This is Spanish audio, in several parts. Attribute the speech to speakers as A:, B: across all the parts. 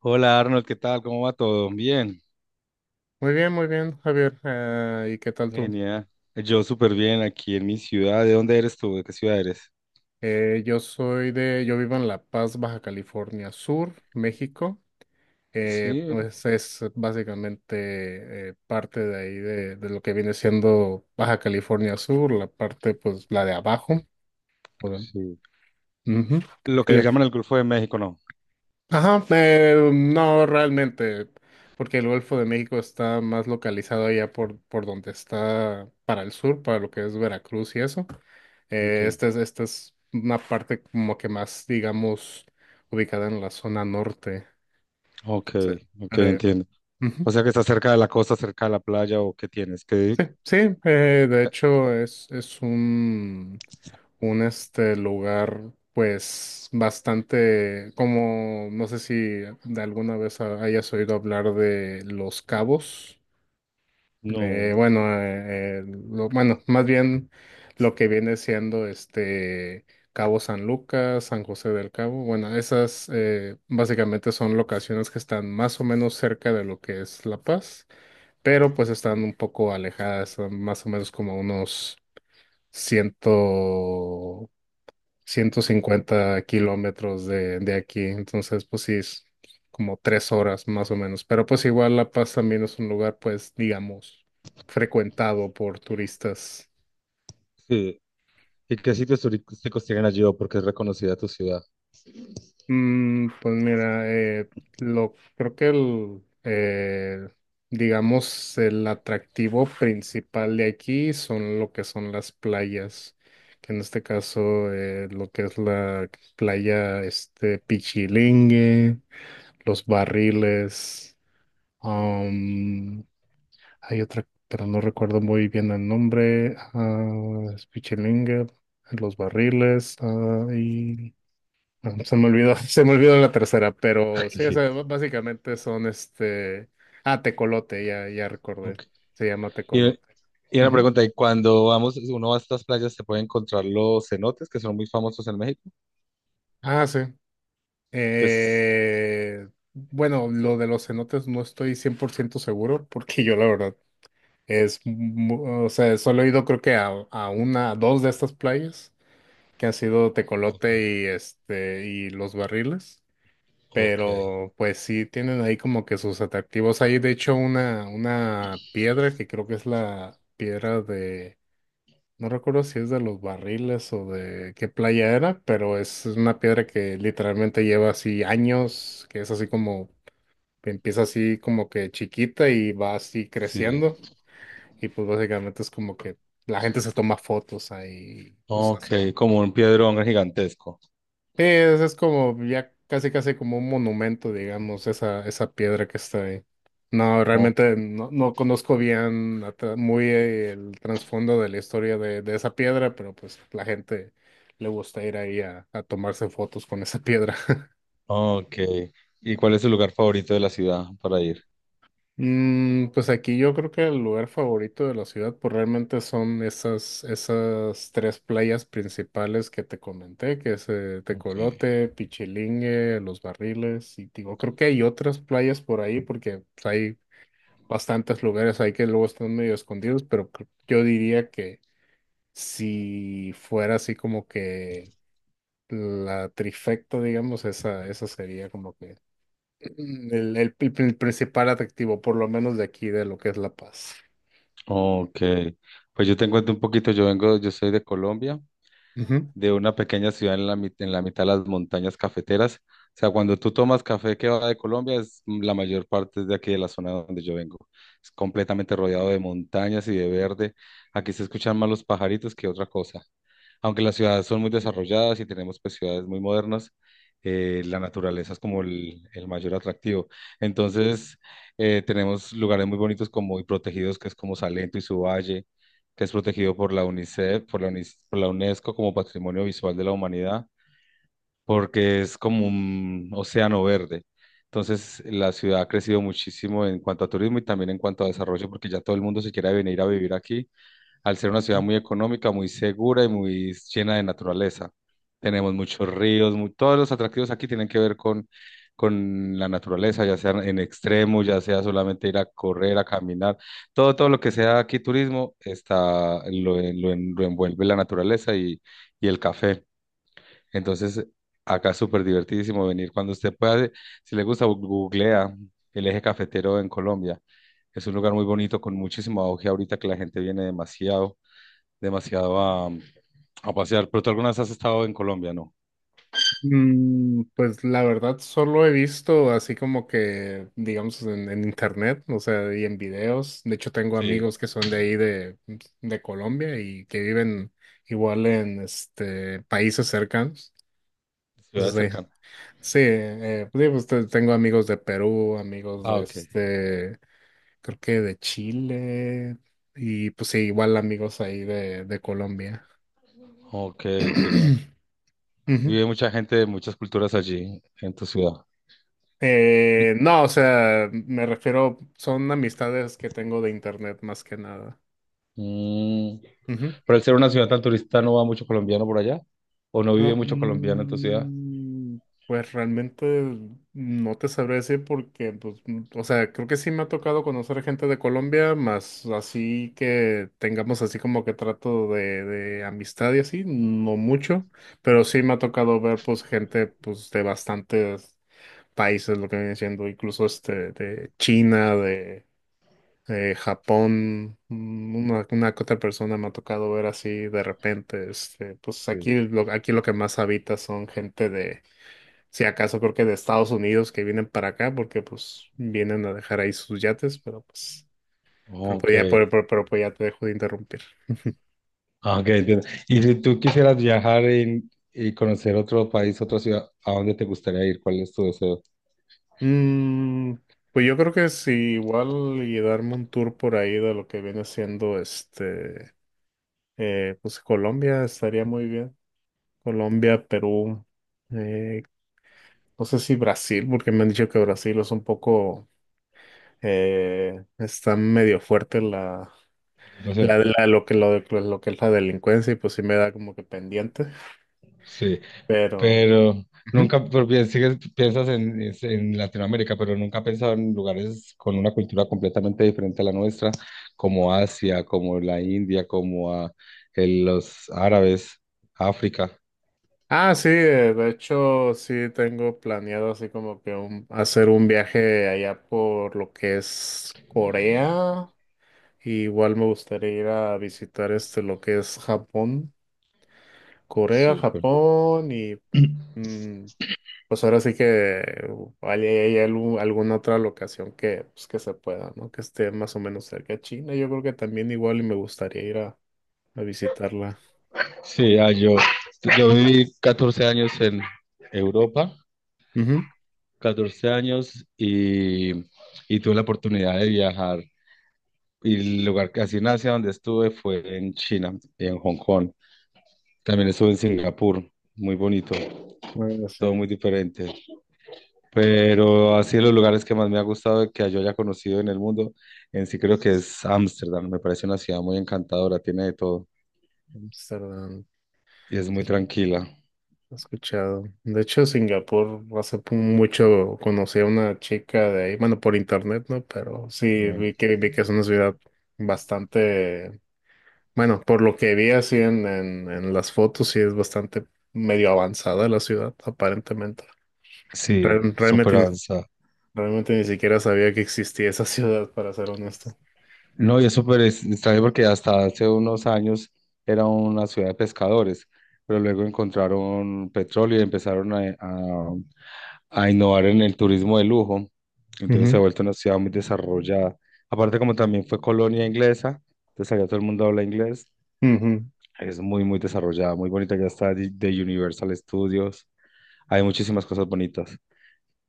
A: Hola Arnold, ¿qué tal? ¿Cómo va todo? Bien,
B: Muy bien, Javier. Ah, ¿y qué tal tú?
A: genial. Yo súper bien aquí en mi ciudad. ¿De dónde eres tú? ¿De qué ciudad eres?
B: Yo vivo en La Paz, Baja California Sur, México.
A: Sí,
B: Pues es básicamente parte de ahí de lo que viene siendo Baja California Sur, la parte pues la de abajo. O sea,
A: sí.
B: ujú.
A: Lo que le
B: Eh,
A: llaman el Golfo de México, ¿no?
B: Ajá, no realmente, porque el Golfo de México está más localizado allá por donde está para el sur, para lo que es Veracruz y eso.
A: Ok,
B: Esta es una parte como que más, digamos, ubicada en la zona norte.
A: ok,
B: Entonces,
A: ok,
B: pero,
A: entiendo. O
B: ujú.
A: sea que está cerca de la costa, cerca de la playa, ¿o qué tienes? ¿Qué?
B: Sí, sí, de hecho es un este lugar pues bastante como no sé si de alguna vez hayas oído hablar de Los Cabos.
A: No.
B: Bueno, más bien lo que viene siendo este Cabo San Lucas, San José del Cabo. Bueno, esas básicamente son locaciones que están más o menos cerca de lo que es La Paz, pero pues están
A: Sí.
B: un poco alejadas, son más o menos como unos 100, 150 kilómetros de aquí. Entonces, pues sí, es como 3 horas más o menos, pero pues igual La Paz también es un lugar, pues digamos, frecuentado por turistas.
A: Sí. ¿Y qué sitios turísticos tienen allí o porque es reconocida tu ciudad?
B: Pues mira, lo creo que el digamos el atractivo principal de aquí son lo que son las playas, que en este caso, lo que es la playa este Pichilingue, los barriles, am, hay otra, pero no recuerdo muy bien el nombre. Ah, es Pichilingue, los barriles, ah, y no, se me olvidó, se me olvidó la tercera, pero sí, o sea, básicamente son este. Ah, Tecolote, ya, ya recordé.
A: Ok.
B: Se llama
A: Y,
B: Tecolote.
A: y una
B: Ujú.
A: pregunta, ¿y cuando vamos, uno va a estas playas, se puede encontrar los cenotes que son muy famosos en México?
B: Ah, sí.
A: Que es...
B: Bueno, lo de los cenotes no estoy 100% seguro, porque yo la verdad es. O sea, solo he ido creo que a, una, a dos de estas playas, que han sido
A: Ok.
B: Tecolote y este, y Los Barriles.
A: Ok,
B: Pero pues sí tienen ahí como que sus atractivos. Hay de hecho una piedra que creo que es la piedra de, no recuerdo si es de Los Barriles o de qué playa era, pero es una piedra que literalmente lleva así años, que es así como, que empieza así como que chiquita y va así
A: sí.
B: creciendo. Y pues básicamente es como que la gente se toma fotos ahí, pues
A: Ok,
B: hace.
A: como un piedrón gigantesco.
B: Sí, es como ya casi casi como un monumento, digamos, esa piedra que está ahí. No,
A: O-
B: realmente no conozco bien la tra- muy el trasfondo de la historia de esa piedra, pero pues la gente le gusta ir ahí a tomarse fotos con esa piedra.
A: Ok. ¿Y cuál es su lugar favorito de la ciudad para ir?
B: Pues aquí yo creo que el lugar favorito de la ciudad, pues realmente son esas tres playas principales que te comenté, que es
A: Ok.
B: Tecolote, Pichilingue, Los Barriles, y digo, creo que hay otras playas por ahí, porque pues, hay bastantes lugares ahí que luego están medio escondidos, pero yo diría que si fuera así como que la trifecta, digamos, esa sería como que el principal atractivo, por lo menos de aquí, de lo que es La Paz.
A: Ok. Pues yo te cuento un poquito, yo vengo, yo soy de Colombia,
B: Ujú.
A: de una pequeña ciudad en en la mitad de las montañas cafeteras. O sea, cuando tú tomas café que va de Colombia, es mm, la mayor parte es de aquí de la zona donde yo vengo. Es completamente rodeado de montañas y de verde. Aquí se escuchan más los pajaritos que otra cosa. Aunque las ciudades son muy desarrolladas y tenemos pues ciudades muy modernas, la naturaleza es como el mayor atractivo. Entonces, tenemos lugares muy bonitos como y protegidos, que es como Salento y su valle que es protegido por la UNICEF, por por la UNESCO como Patrimonio Visual de la Humanidad, porque es como un océano verde. Entonces, la ciudad ha crecido muchísimo en cuanto a turismo y también en cuanto a desarrollo, porque ya todo el mundo se quiere venir a vivir aquí al ser una ciudad muy económica, muy segura y muy llena de naturaleza. Tenemos muchos ríos, mu- todos los atractivos aquí tienen que ver con la naturaleza, ya sea en extremo, ya sea solamente ir a correr, a caminar, todo, todo lo que sea aquí turismo está, lo envuelve la naturaleza y el café. Entonces, acá es súper divertidísimo venir cuando usted pueda, si le gusta, bu- googlea el eje cafetero en Colombia. Es un lugar muy bonito con muchísimo auge ahorita que la gente viene demasiado demasiado a pasear. Pero tú alguna vez has estado en Colombia, ¿no?
B: Pues la verdad solo he visto así como que, digamos, en internet, o sea, y en videos. De hecho, tengo
A: Sí,
B: amigos que son de ahí de Colombia y que viven igual en este países cercanos.
A: ciudad
B: Entonces,
A: cercana.
B: sí, pues, digo, pues, tengo amigos de Perú, amigos
A: Ah,
B: de
A: ok.
B: este creo que de Chile y pues sí, igual amigos ahí de Colombia.
A: Ok, tiene.
B: Ujú.
A: Vive mucha gente de muchas culturas allí, en tu ciudad.
B: No, o sea, me refiero, son amistades que tengo de internet más que nada.
A: Mm, pero al ser una ciudad tan turista, ¿no va mucho colombiano por allá? ¿O no vive mucho colombiano en tu ciudad?
B: Mm, Pues realmente no te sabré decir porque, pues, o sea, creo que sí me ha tocado conocer gente de Colombia, más así que tengamos así como que trato de amistad y así, no mucho, pero sí me ha tocado ver pues gente pues de bastantes países, lo que viene siendo incluso este de China, Japón, una que otra persona me ha tocado ver así de repente, este, pues
A: Sí.
B: aquí lo que más habita son gente de, si acaso creo que de Estados Unidos que vienen para acá, porque pues vienen a dejar ahí sus yates, pero pues, pero
A: Ok.
B: pues ya, pero, pero- pero, pues, ya te dejo de interrumpir.
A: Ah, ok, entiendo. Y si tú quisieras viajar y conocer otro país, otra ciudad, ¿a dónde te gustaría ir? ¿Cuál es tu deseo?
B: Mm, pues yo creo que sí, igual y darme un tour por ahí de lo que viene siendo este, pues Colombia estaría muy bien. Colombia, Perú, eh, no sé si Brasil, porque me han dicho que Brasil es un poco, está medio fuerte la,
A: Situación.
B: la, la- lo que, lo, de- lo que es la delincuencia y pues sí me da como que pendiente,
A: Sí.
B: pero...
A: Pero
B: Ujú.
A: nunca, pero piensas en, en Latinoamérica, pero nunca he pensado en lugares con una cultura completamente diferente a la nuestra, como Asia, como la India, como a, el- los árabes, África.
B: Ah, sí, de hecho sí tengo planeado así como que hacer un viaje allá por lo que es Corea, igual me gustaría ir a visitar este lo que es Japón, Corea,
A: Súper.
B: Japón y... mm, pues ahora sí que hay alguna otra locación que, pues, que se pueda, ¿no? Que esté más o menos cerca de China. Yo creo que también igual y me gustaría ir a, visitarla.
A: Sí, yo viví 14 años en Europa,
B: Ujú.
A: 14 años y tuve la oportunidad de viajar. Y el lugar que así en Asia donde estuve fue en China y en Hong Kong. También estuve en Singapur, muy bonito,
B: Bueno, sí,
A: todo muy diferente. Pero así de los lugares que más me ha gustado que yo haya conocido en el mundo, en sí creo que es Ámsterdam. Me parece una ciudad muy encantadora, tiene de todo
B: Amsterdam,
A: y es
B: sí,
A: muy tranquila.
B: he escuchado. De hecho, Singapur hace mucho conocí a una chica de ahí, bueno, por internet, ¿no? Pero sí,
A: Eh,
B: vi que es una ciudad bastante, bueno, por lo que vi así en las fotos, sí es bastante medio avanzada la ciudad, aparentemente. Re-
A: Sí, súper
B: Realmente, ni-
A: avanzada.
B: realmente ni siquiera sabía que existía esa ciudad, para ser honesto.
A: No, y es súper extraño porque hasta hace unos años era una ciudad de pescadores, pero luego encontraron petróleo y empezaron a a innovar en el turismo de lujo. Entonces se ha
B: Ujú,
A: vuelto una ciudad muy desarrollada. Aparte, como también fue colonia inglesa, entonces allá todo el mundo habla inglés.
B: ujú.
A: Es muy, muy desarrollada, muy bonita. Ya está de Universal Studios. Hay muchísimas cosas bonitas.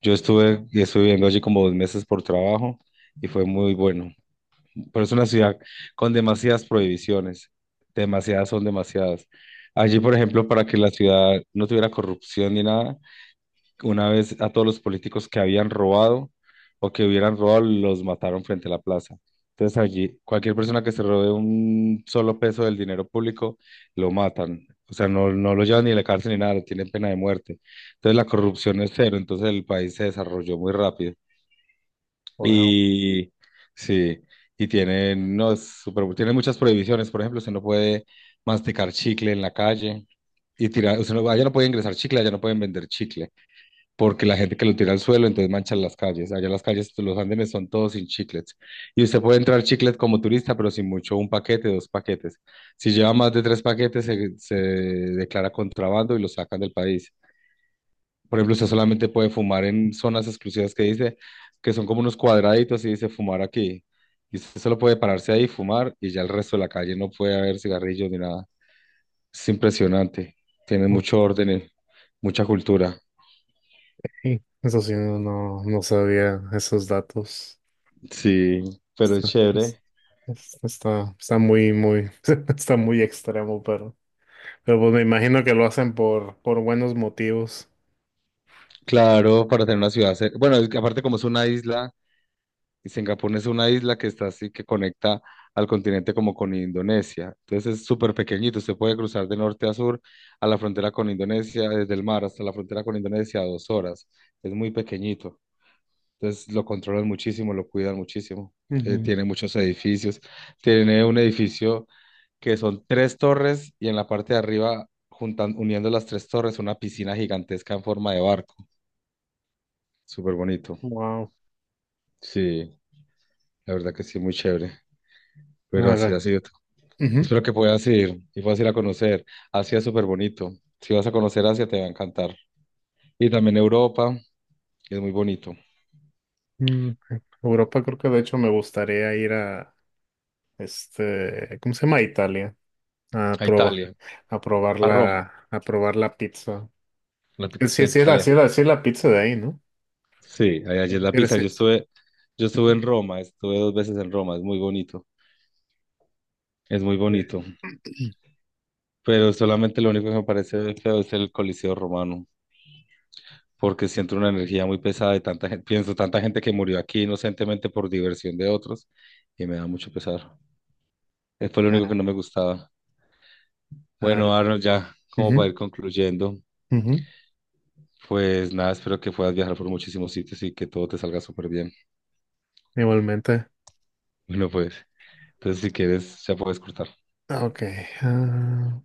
A: Yo estuve y estuve viviendo allí como 2 meses por trabajo y fue muy bueno. Pero es una ciudad con demasiadas prohibiciones. Demasiadas son demasiadas. Allí, por ejemplo, para que la ciudad no tuviera corrupción ni nada, una vez a todos los políticos que habían robado o que hubieran robado, los mataron frente a la plaza. Entonces allí, cualquier persona que se robe un solo peso del dinero público, lo matan. O sea, no, no lo llevan ni a la cárcel ni nada, tienen pena de muerte. Entonces la corrupción es cero, entonces el país se desarrolló muy rápido.
B: Wow.
A: Y sí, y tienen, no, es súper- tienen muchas prohibiciones. Por ejemplo, usted no puede masticar chicle en la calle y tirar, usted no, allá no puede ingresar chicle, allá no pueden vender chicle porque la gente que lo tira al suelo, entonces manchan las calles. Allá las calles, los andenes son todos sin chiclets. Y usted puede entrar chiclet como turista, pero sin mucho, un paquete, dos paquetes. Si lleva más de tres paquetes, se declara contrabando y lo sacan del país. Por ejemplo, usted solamente puede fumar en zonas exclusivas que dice, que son como unos cuadraditos y dice fumar aquí. Y usted solo puede pararse ahí y fumar y ya el resto de la calle no puede haber cigarrillos ni nada. Es impresionante. Tiene mucho orden, y mucha cultura.
B: Ok. Eso sí, no sabía esos datos.
A: Sí, pero es
B: Está, es-
A: chévere.
B: está muy, muy, está muy extremo, pero, pues me imagino que lo hacen por buenos motivos.
A: Claro, para tener una ciudad cer- Bueno, es que aparte como es una isla, y Singapur es una isla que está así, que conecta al continente como con Indonesia. Entonces es súper pequeñito, usted puede cruzar de norte a sur a la frontera con Indonesia, desde el mar hasta la frontera con Indonesia a 2 horas. Es muy pequeñito. Entonces lo controlan muchísimo, lo cuidan muchísimo.
B: Ujú.
A: Tiene muchos edificios. Tiene un edificio que son tres torres y en la parte de arriba, juntan, uniendo las tres torres, una piscina gigantesca en forma de barco. Súper bonito.
B: Wow.
A: Sí, la verdad que sí, muy chévere. Pero así ha
B: Ahora,
A: sido.
B: ujú.
A: Espero que puedas ir y puedas ir a conocer. Asia es súper bonito. Si vas a conocer Asia, te va a encantar. Y también Europa, es muy bonito.
B: Ok. Europa creo que de hecho me gustaría ir a, este, ¿cómo se llama? Italia. A
A: A
B: probar,
A: Italia,
B: a probar
A: a Roma,
B: la, a probar la pizza.
A: la
B: Sí,
A: pizza
B: sí sí es la, sí
A: italiana.
B: es la, sí es la pizza de ahí, ¿no?
A: Sí, allá es la pizza.
B: Intereses.
A: Yo estuve en Roma, estuve dos veces en Roma, es muy bonito. Es muy bonito. Pero solamente lo único que me parece feo es el Coliseo Romano, porque siento una energía muy pesada de tanta gente, pienso tanta gente que murió aquí inocentemente por diversión de otros y me da mucho pesar. Fue lo único que
B: Ah,
A: no me gustaba.
B: ah,
A: Bueno, Arnold, ya como para
B: ujú,
A: ir concluyendo,
B: ujú,
A: pues nada, espero que puedas viajar por muchísimos sitios y que todo te salga súper bien.
B: igualmente.
A: Bueno, pues, entonces si quieres, ya puedes cortar.
B: Ah, ok. Ah.